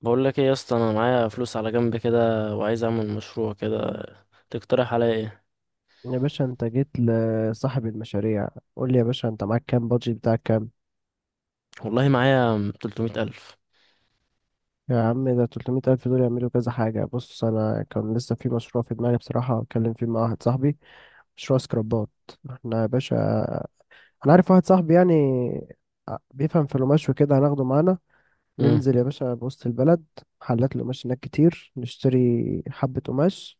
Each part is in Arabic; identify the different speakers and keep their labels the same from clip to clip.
Speaker 1: بقول لك ايه يا اسطى؟ انا معايا فلوس على جنب كده، وعايز اعمل مشروع كده. تقترح عليا ايه؟
Speaker 2: يا باشا انت جيت لصاحب المشاريع. قول لي يا باشا، انت معاك كام؟ بادجت بتاعك كام؟
Speaker 1: والله معايا 300 الف.
Speaker 2: يا عم، ده 300 ألف دول يعملوا كذا حاجة. بص، أنا كان لسه في مشروع في دماغي بصراحة، أتكلم فيه مع واحد صاحبي. مشروع سكرابات. احنا يا باشا، أنا عارف واحد صاحبي يعني، بيفهم في القماش وكده هناخده معانا.
Speaker 1: امم.
Speaker 2: ننزل يا باشا بوسط البلد، محلات القماش هناك كتير، نشتري حبة قماش.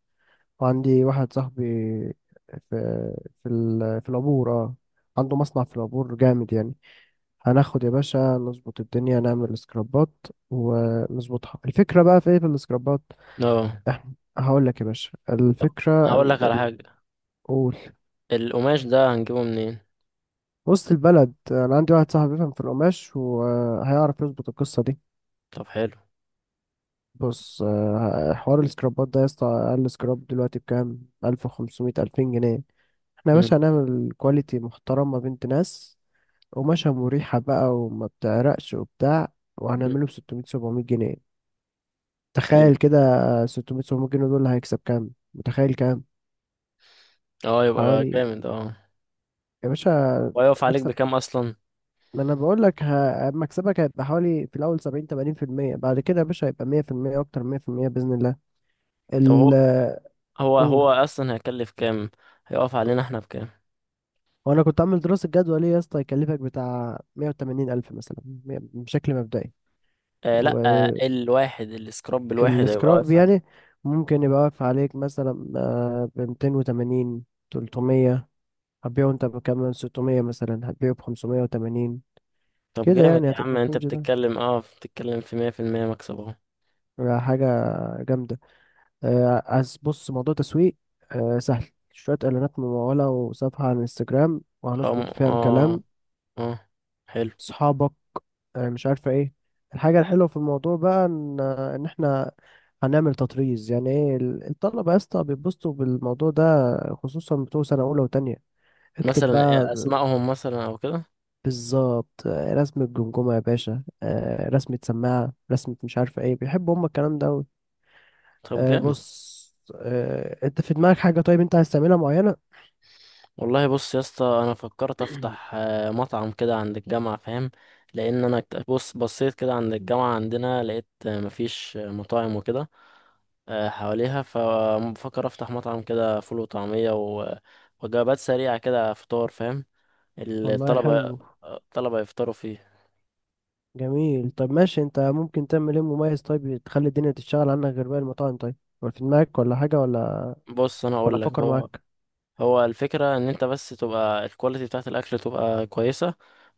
Speaker 2: وعندي واحد صاحبي في العبور، اه، عنده مصنع في العبور جامد يعني. هناخد يا باشا نظبط الدنيا، نعمل سكرابات ونظبطها. الفكرة بقى في ايه في السكرابات؟
Speaker 1: اه،
Speaker 2: احنا هقول لك يا باشا،
Speaker 1: طب
Speaker 2: الفكرة
Speaker 1: هقول
Speaker 2: ان
Speaker 1: لك على حاجه.
Speaker 2: قول.
Speaker 1: القماش ده هنجيبه منين؟
Speaker 2: وسط البلد انا عندي واحد صاحبي بيفهم في القماش وهيعرف يظبط القصة دي.
Speaker 1: طب حلو.
Speaker 2: بص، حوار السكرابات ده يا اسطى، اقل سكراب دلوقتي بكام؟ 1500 2000 جنيه. احنا يا
Speaker 1: امم.
Speaker 2: باشا هنعمل كواليتي محترمة، بنت ناس، قماشة مريحة بقى، وما بتعرقش وبتاع، وهنعمله ب 600 700 جنيه.
Speaker 1: حلو.
Speaker 2: تخيل كده، 600 700 جنيه دول هيكسب كام؟ متخيل كام؟
Speaker 1: اه يبقى
Speaker 2: حوالي،
Speaker 1: جامد اه.
Speaker 2: يا باشا،
Speaker 1: وهيقف عليك
Speaker 2: مكسب.
Speaker 1: بكام اصلا؟
Speaker 2: ما انا بقول لك، مكسبك هيبقى حوالي في الاول 70 80%، بعد كده يا باشا هيبقى 100%، اكتر من 100% باذن الله.
Speaker 1: طب
Speaker 2: ال
Speaker 1: هو هو
Speaker 2: قول.
Speaker 1: اصلا هيكلف كام؟ هيقف علينا احنا بكام؟
Speaker 2: وانا كنت عامل دراسة جدوى، ليه يا اسطى؟ يكلفك بتاع 180 الف مثلا، بشكل مبدئي.
Speaker 1: آه لا آه، الواحد، السكراب الواحد هيبقى
Speaker 2: والسكراب
Speaker 1: واقف علينا.
Speaker 2: يعني ممكن يبقى واقف عليك مثلا ب 280 300، هتبيعه انت بكام؟ 600 مثلا، هتبيعه ب 580.
Speaker 1: طب
Speaker 2: كده
Speaker 1: جامد
Speaker 2: يعني
Speaker 1: يا عم،
Speaker 2: هتبقى في
Speaker 1: انت
Speaker 2: الرينج ده.
Speaker 1: بتتكلم اه بتتكلم في 100%. مكسب اهو.
Speaker 2: حاجة جامدة. عايز بص، موضوع تسويق سهل. شوية إعلانات ممولة وصفحة على الانستجرام، وهنظبط فيها
Speaker 1: اه
Speaker 2: الكلام.
Speaker 1: اه حلو.
Speaker 2: صحابك، مش عارفة ايه. الحاجة الحلوة في الموضوع بقى إن احنا هنعمل تطريز. يعني ايه؟ الطلبة يا اسطى بيتبسطوا بالموضوع ده، خصوصا بتوع سنة أولى وتانية. اكتب
Speaker 1: مثلا
Speaker 2: بقى
Speaker 1: اسمائهم مثلا او كده.
Speaker 2: بالظبط، رسمة جمجمة يا باشا، رسمة سماعة، رسمة مش عارفة ايه، بيحبوا هما الكلام ده.
Speaker 1: طب جامد.
Speaker 2: بص، انت في دماغك حاجة، طيب انت عايز تعملها معينة؟
Speaker 1: والله بص يا اسطى، انا فكرت افتح مطعم كده عند الجامعه، فاهم؟ لان انا بص، بصيت كده عند الجامعه عندنا لقيت مفيش مطاعم وكده حواليها. فبفكر افتح مطعم كده، فول وطعميه وجبات سريعه كده، فطار، فاهم؟
Speaker 2: والله
Speaker 1: الطلبه،
Speaker 2: حلو.
Speaker 1: الطلبه يفطروا فيه.
Speaker 2: جميل، طب ماشي، انت ممكن تعمل ايه مميز؟ طيب تخلي الدنيا تشتغل عنك غير باقي المطاعم؟ طيب، ولا في دماغك ولا حاجة، ولا
Speaker 1: بص انا
Speaker 2: ولا
Speaker 1: اقول لك،
Speaker 2: افكر
Speaker 1: هو
Speaker 2: معاك؟
Speaker 1: هو الفكرة ان انت بس تبقى الكواليتي بتاعت الاكل تبقى كويسة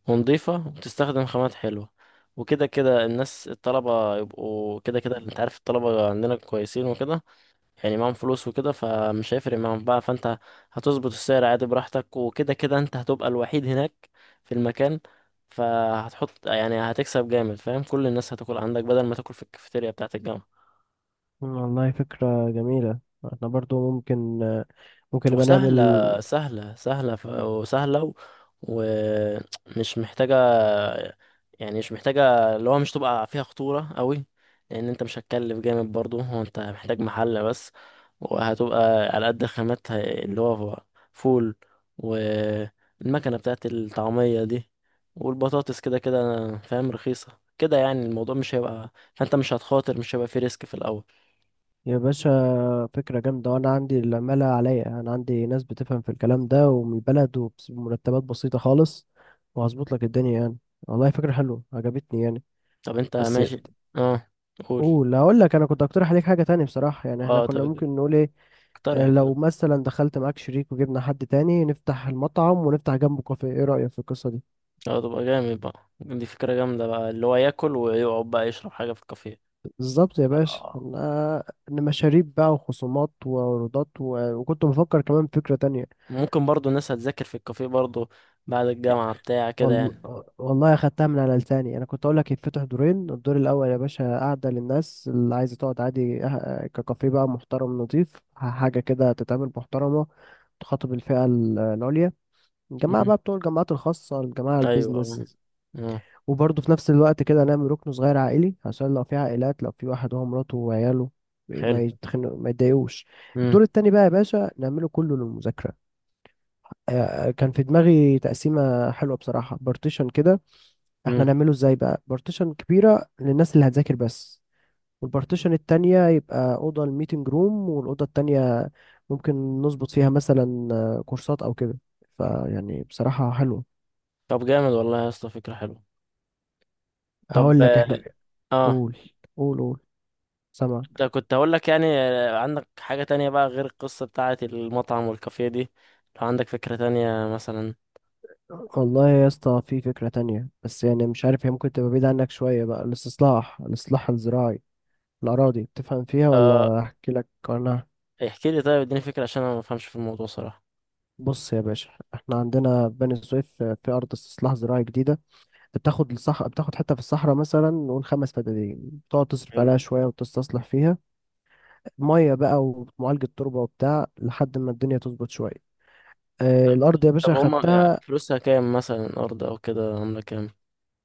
Speaker 1: ونضيفة، وتستخدم خامات حلوة. وكده كده الناس، الطلبة، يبقوا كده كده انت عارف الطلبة عندنا كويسين وكده، يعني معاهم فلوس وكده، فمش هيفرق معاهم بقى. فانت هتظبط السعر عادي براحتك، وكده كده انت هتبقى الوحيد هناك في المكان. فهتحط، يعني هتكسب جامد، فاهم؟ كل الناس هتاكل عندك بدل ما تاكل في الكافيتيريا بتاعت الجامعة.
Speaker 2: والله فكرة جميلة. احنا برضو ممكن ممكن نبقى نعمل،
Speaker 1: وسهلة سهلة وسهلة، و- ومش محتاجة، يعني مش محتاجة اللي هو مش تبقى فيها خطورة قوي. لأن أنت مش هتكلف جامد برضو، هو أنت محتاج محل بس، وهتبقى على قد خامات اللي هو فول، والمكنة بتاعت الطعمية دي، والبطاطس. كده كده فاهم رخيصة كده، يعني الموضوع مش هيبقى، فأنت مش هتخاطر، مش هيبقى فيه ريسك في الأول.
Speaker 2: يا باشا، فكرة جامدة. وانا عندي العمالة عليا، انا عندي ناس بتفهم في الكلام ده ومن البلد وبمرتبات بسيطة خالص، وهظبط لك الدنيا يعني. والله فكرة حلوة عجبتني يعني.
Speaker 1: طب أنت
Speaker 2: بس
Speaker 1: ماشي. اه قول.
Speaker 2: قول. هقول لك، انا كنت اقترح عليك حاجه تاني بصراحه. يعني احنا
Speaker 1: اه
Speaker 2: كنا
Speaker 1: طب،
Speaker 2: ممكن نقول ايه؟
Speaker 1: اقترح اقترح.
Speaker 2: لو مثلا دخلت معاك شريك وجبنا حد تاني، نفتح المطعم ونفتح جنبه كافيه، ايه رايك في القصه دي؟
Speaker 1: اه تبقى جامد بقى، دي فكرة جامدة بقى، اللي هو ياكل ويقعد بقى يشرب حاجة في الكافيه.
Speaker 2: بالظبط يا باشا،
Speaker 1: اه.
Speaker 2: انا إن مشاريب بقى وخصومات وعروضات وكنت بفكر كمان فكره تانية.
Speaker 1: ممكن برضو الناس هتذاكر في الكافيه برضو بعد الجامعة بتاع كده
Speaker 2: وال...
Speaker 1: يعني.
Speaker 2: والله اخدتها من على لساني. انا كنت اقول لك يتفتح دورين. الدور الاول يا باشا قاعده للناس اللي عايزه تقعد عادي، ككافيه بقى محترم نظيف، حاجه كده تتعمل محترمه، تخاطب الفئه العليا، الجماعة
Speaker 1: مم.
Speaker 2: بقى بتوع الجامعات الخاصة، الجماعة
Speaker 1: ايوه اه.
Speaker 2: البيزنس.
Speaker 1: آه.
Speaker 2: وبرضه في نفس الوقت كده، نعمل ركن صغير عائلي، عشان لو في عائلات، لو في واحد هو مراته وعياله، ما
Speaker 1: حلو.
Speaker 2: يتخنق، ما يتضايقوش.
Speaker 1: مم.
Speaker 2: الدور التاني بقى يا باشا نعمله كله للمذاكرة. كان في دماغي تقسيمة حلوة بصراحة، بارتيشن كده.
Speaker 1: مم.
Speaker 2: احنا نعمله ازاي بقى؟ بارتيشن كبيرة للناس اللي هتذاكر بس، والبارتيشن التانية يبقى أوضة الميتنج روم، والأوضة التانية ممكن نظبط فيها مثلا كورسات أو كده. فيعني بصراحة حلوة.
Speaker 1: طب جامد والله يا اسطى، فكرة حلوة. طب
Speaker 2: هقول لك
Speaker 1: اه.
Speaker 2: احنا،
Speaker 1: آه.
Speaker 2: قول قول قول، سامعك.
Speaker 1: انت كنت هقول لك، يعني عندك حاجة تانية بقى غير القصة بتاعة المطعم والكافيه دي؟ لو عندك فكرة تانية مثلا
Speaker 2: والله يا اسطى في فكرة تانية، بس يعني مش عارف هي ممكن تبقى بعيدة عنك شوية بقى. الإصلاح الزراعي، الأراضي، بتفهم فيها،
Speaker 1: آه
Speaker 2: ولا أحكي لك عنها؟
Speaker 1: احكي لي طيب، اديني فكرة، عشان انا ما بفهمش في الموضوع صراحة.
Speaker 2: بص يا باشا، احنا عندنا في بني سويف في أرض استصلاح زراعي جديدة. بتاخد حتة في الصحراء، مثلا نقول 5 فدادين، تقعد تصرف
Speaker 1: حلو.
Speaker 2: عليها شوية وتستصلح فيها، مية بقى ومعالجة تربة وبتاع، لحد ما الدنيا تظبط شوية. الأرض يا باشا
Speaker 1: طب هما
Speaker 2: خدتها.
Speaker 1: يعني فلوسها كام مثلا الأرض أو كده، عاملة كام؟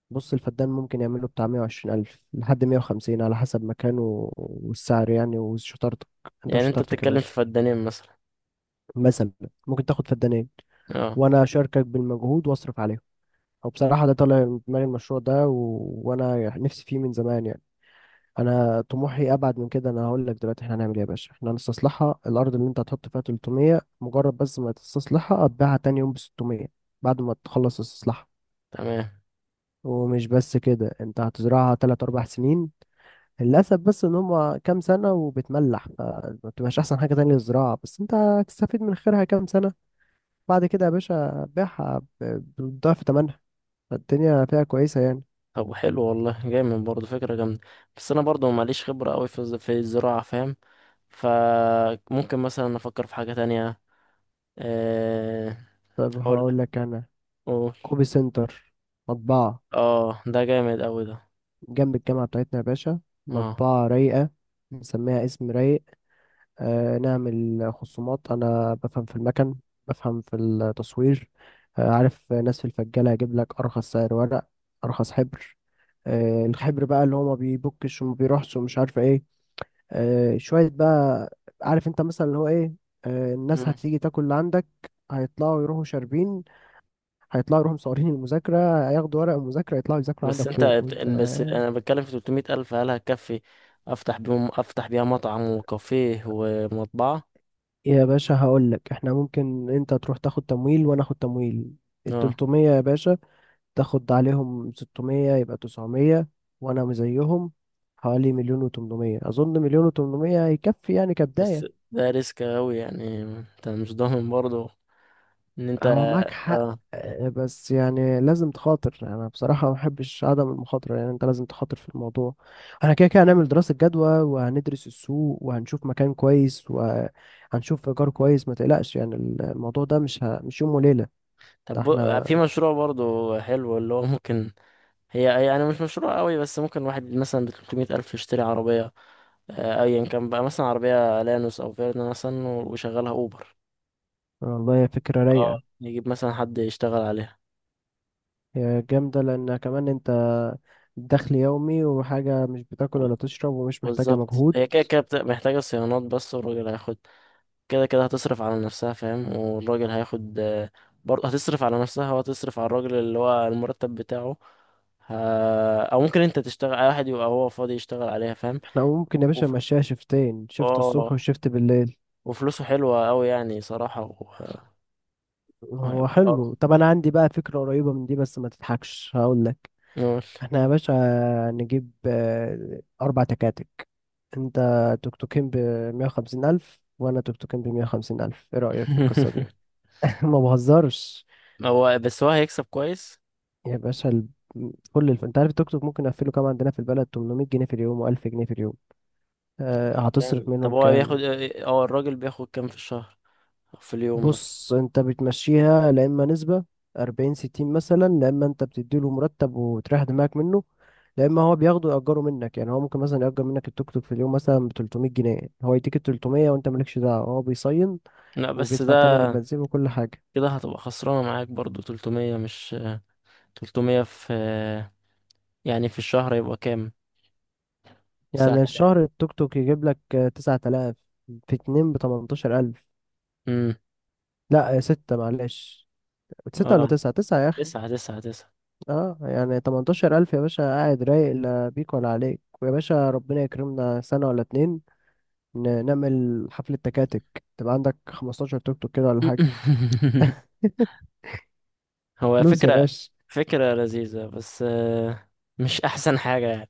Speaker 2: بص، الفدان ممكن يعمله بتاع 120 ألف لحد 150 على حسب مكانه والسعر يعني، وشطارتك، انت
Speaker 1: يعني أنت
Speaker 2: وشطارتك يا
Speaker 1: بتتكلم في
Speaker 2: باشا.
Speaker 1: فدانين مثلا.
Speaker 2: مثلا ممكن تاخد فدانين،
Speaker 1: اه.
Speaker 2: وانا اشاركك بالمجهود واصرف عليهم. او بصراحة، ده طالع من دماغي المشروع ده وانا نفسي فيه من زمان يعني. انا طموحي ابعد من كده. انا هقول لك دلوقتي احنا هنعمل ايه يا باشا. احنا هنستصلحها الارض، اللي انت هتحط فيها 300 مجرد، بس ما تستصلحها، هتبيعها تاني يوم ب 600 بعد ما تخلص استصلاحها.
Speaker 1: تمام.
Speaker 2: ومش بس كده، انت هتزرعها 3 4 سنين. للأسف بس إن هما كام سنة وبتملح فما بتبقاش أحسن حاجة تانية للزراعة، بس أنت هتستفيد من خيرها كام سنة. بعد كده يا باشا بيعها بضعف تمنها. فالدنيا فيها كويسة يعني.
Speaker 1: طب حلو والله، جامد برضه، فكرة جامدة. بس أنا برضه ماليش خبرة أوي في في الزراعة، فاهم؟ فممكن مثلا أفكر في حاجة تانية آه،
Speaker 2: طب هقول
Speaker 1: أقول
Speaker 2: لك أنا،
Speaker 1: أقول.
Speaker 2: كوبي سنتر، مطبعة
Speaker 1: اه ده جامد أوي ده.
Speaker 2: جنب الجامعة بتاعتنا يا باشا،
Speaker 1: اه.
Speaker 2: مطبعة رايقة، نسميها اسم رايق. نعمل خصومات. أنا بفهم في المكن، بفهم في التصوير. عارف ناس في الفجالة، هجيب لك أرخص سعر ورق، أرخص حبر. الحبر بقى اللي هو ما بيبكش وما بيروحش ومش عارف ايه. شوية بقى، عارف انت مثلا اللي هو ايه. الناس
Speaker 1: مم.
Speaker 2: هتيجي تاكل اللي عندك، هيطلعوا يروحوا شاربين، هيطلعوا يروحوا مصورين المذاكرة، هياخدوا ورق المذاكرة، يطلعوا يذاكروا
Speaker 1: بس
Speaker 2: عندك
Speaker 1: أنت
Speaker 2: فوق، وانت
Speaker 1: بس أنا بتكلم في 300 ألف، هل هتكفي أفتح بيهم، أفتح بيها مطعم وكافيه ومطبعة؟
Speaker 2: يا باشا هقول لك احنا ممكن انت تروح تاخد تمويل وانا اخد تمويل. ال
Speaker 1: اه
Speaker 2: 300 يا باشا تاخد عليهم 600، يبقى 900، وانا زيهم، حوالي مليون و800. اظن مليون و800 هيكفي يعني
Speaker 1: بس
Speaker 2: كبداية.
Speaker 1: ده ريسك أوي يعني، انت مش ضامن برضو ان انت.
Speaker 2: هو معاك حق،
Speaker 1: اه
Speaker 2: بس يعني لازم تخاطر. انا بصراحة ما بحبش عدم المخاطرة، يعني انت لازم تخاطر في الموضوع. احنا كده كده هنعمل دراسة جدوى وهندرس السوق وهنشوف مكان كويس وهنشوف ايجار كويس، ما تقلقش يعني. الموضوع ده مش يوم وليلة. ده
Speaker 1: طب،
Speaker 2: احنا،
Speaker 1: في مشروع برضو حلو اللي هو ممكن، هي يعني مش مشروع قوي، بس ممكن واحد مثلا ب 300 ألف يشتري عربية أيا كان بقى، مثلا عربية لانوس أو فيرنا مثلا، ويشغلها أوبر.
Speaker 2: والله هي فكرة
Speaker 1: اه
Speaker 2: رايقة.
Speaker 1: يجيب مثلا حد يشتغل عليها.
Speaker 2: هي جامدة لان كمان انت دخل يومي، وحاجة مش بتاكل ولا تشرب ومش محتاجة
Speaker 1: بالظبط،
Speaker 2: مجهود.
Speaker 1: هي كده كده محتاجة صيانات بس، والراجل هياخد. كده كده هتصرف على نفسها، فاهم، والراجل هياخد برضه هتصرف على نفسها وهتصرف على الراجل اللي هو المرتب بتاعه. او ممكن انت تشتغل، اي واحد يبقى هو فاضي يشتغل عليها، فاهم.
Speaker 2: احنا ممكن يا باشا
Speaker 1: وف...
Speaker 2: نمشيها شفتين، شفت الصبح
Speaker 1: اه
Speaker 2: وشفت بالليل.
Speaker 1: وفلوسه حلوة اوي يعني صراحة.
Speaker 2: هو
Speaker 1: وهيبقى اه
Speaker 2: حلو. طب انا عندي بقى فكرة قريبة من دي، بس ما تضحكش، هقول لك.
Speaker 1: نقول
Speaker 2: احنا يا باشا نجيب 4 تكاتك. انت توك توكين ب 150 الف، وانا توك توكين ب 150 الف، ايه رأيك في القصة دي؟ ما بهزرش.
Speaker 1: هو بس هو هيكسب كويس.
Speaker 2: يا باشا انت عارف التوك توك ممكن اقفله كام عندنا في البلد؟ 800 جنيه في اليوم، و1000 جنيه في اليوم.
Speaker 1: طب يعني
Speaker 2: هتصرف
Speaker 1: جامد. طب
Speaker 2: منهم
Speaker 1: هو
Speaker 2: كام؟
Speaker 1: بياخد اه، الراجل بياخد كام في الشهر أو في اليوم مثلا؟
Speaker 2: بص، انت بتمشيها لا اما نسبة 40 60 مثلا، لا اما انت بتديله مرتب وتريح دماغك منه، لا اما هو بياخده يأجره منك. يعني هو ممكن مثلا يأجر منك التوك توك في اليوم مثلا ب 300 جنيه. هو يديك ال 300، وانت مالكش دعوة، هو بيصين
Speaker 1: لا بس ده
Speaker 2: وبيدفع تمن البنزين وكل حاجة.
Speaker 1: كده هتبقى خسرانة معاك برضو. 300 مش 300 في، يعني في الشهر يبقى كام؟
Speaker 2: يعني
Speaker 1: 9,000.
Speaker 2: الشهر التوك توك يجيب لك 9,000، في اتنين ب 18,000.
Speaker 1: امم.
Speaker 2: لا ستة معلش، ستة ولا
Speaker 1: اه
Speaker 2: تسعة، تسعة يا أخي.
Speaker 1: تسعة تسعة تسعة.
Speaker 2: اه، يعني 18,000 يا باشا، قاعد رايق، لا بيك ولا عليك. ويا باشا ربنا يكرمنا سنة ولا اتنين، نعمل حفلة تكاتك، تبقى عندك 15 توك توك كده ولا حاجة.
Speaker 1: هو
Speaker 2: فلوس يا
Speaker 1: فكرة،
Speaker 2: باشا.
Speaker 1: فكرة لذيذة، بس مش أحسن حاجة يعني.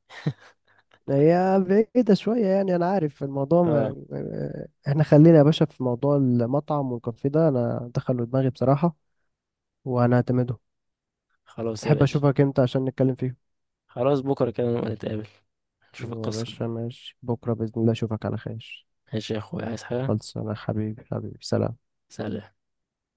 Speaker 2: هي بعيدة شوية يعني، أنا عارف الموضوع.
Speaker 1: اه
Speaker 2: إحنا خلينا يا باشا في موضوع المطعم والكافيه ده، أنا دخله دماغي بصراحة، وأنا هعتمده.
Speaker 1: خلاص يا
Speaker 2: تحب
Speaker 1: باشا.
Speaker 2: أشوفك إمتى عشان نتكلم فيه؟
Speaker 1: خلاص، بكرة كده نبقى نتقابل نشوف
Speaker 2: يا
Speaker 1: القصة.
Speaker 2: باشا ماشي، بكرة بإذن الله أشوفك على خير.
Speaker 1: ماشي يا أخويا، عايز حاجة؟
Speaker 2: خلص أنا، حبيبي حبيبي، سلام.
Speaker 1: سلام.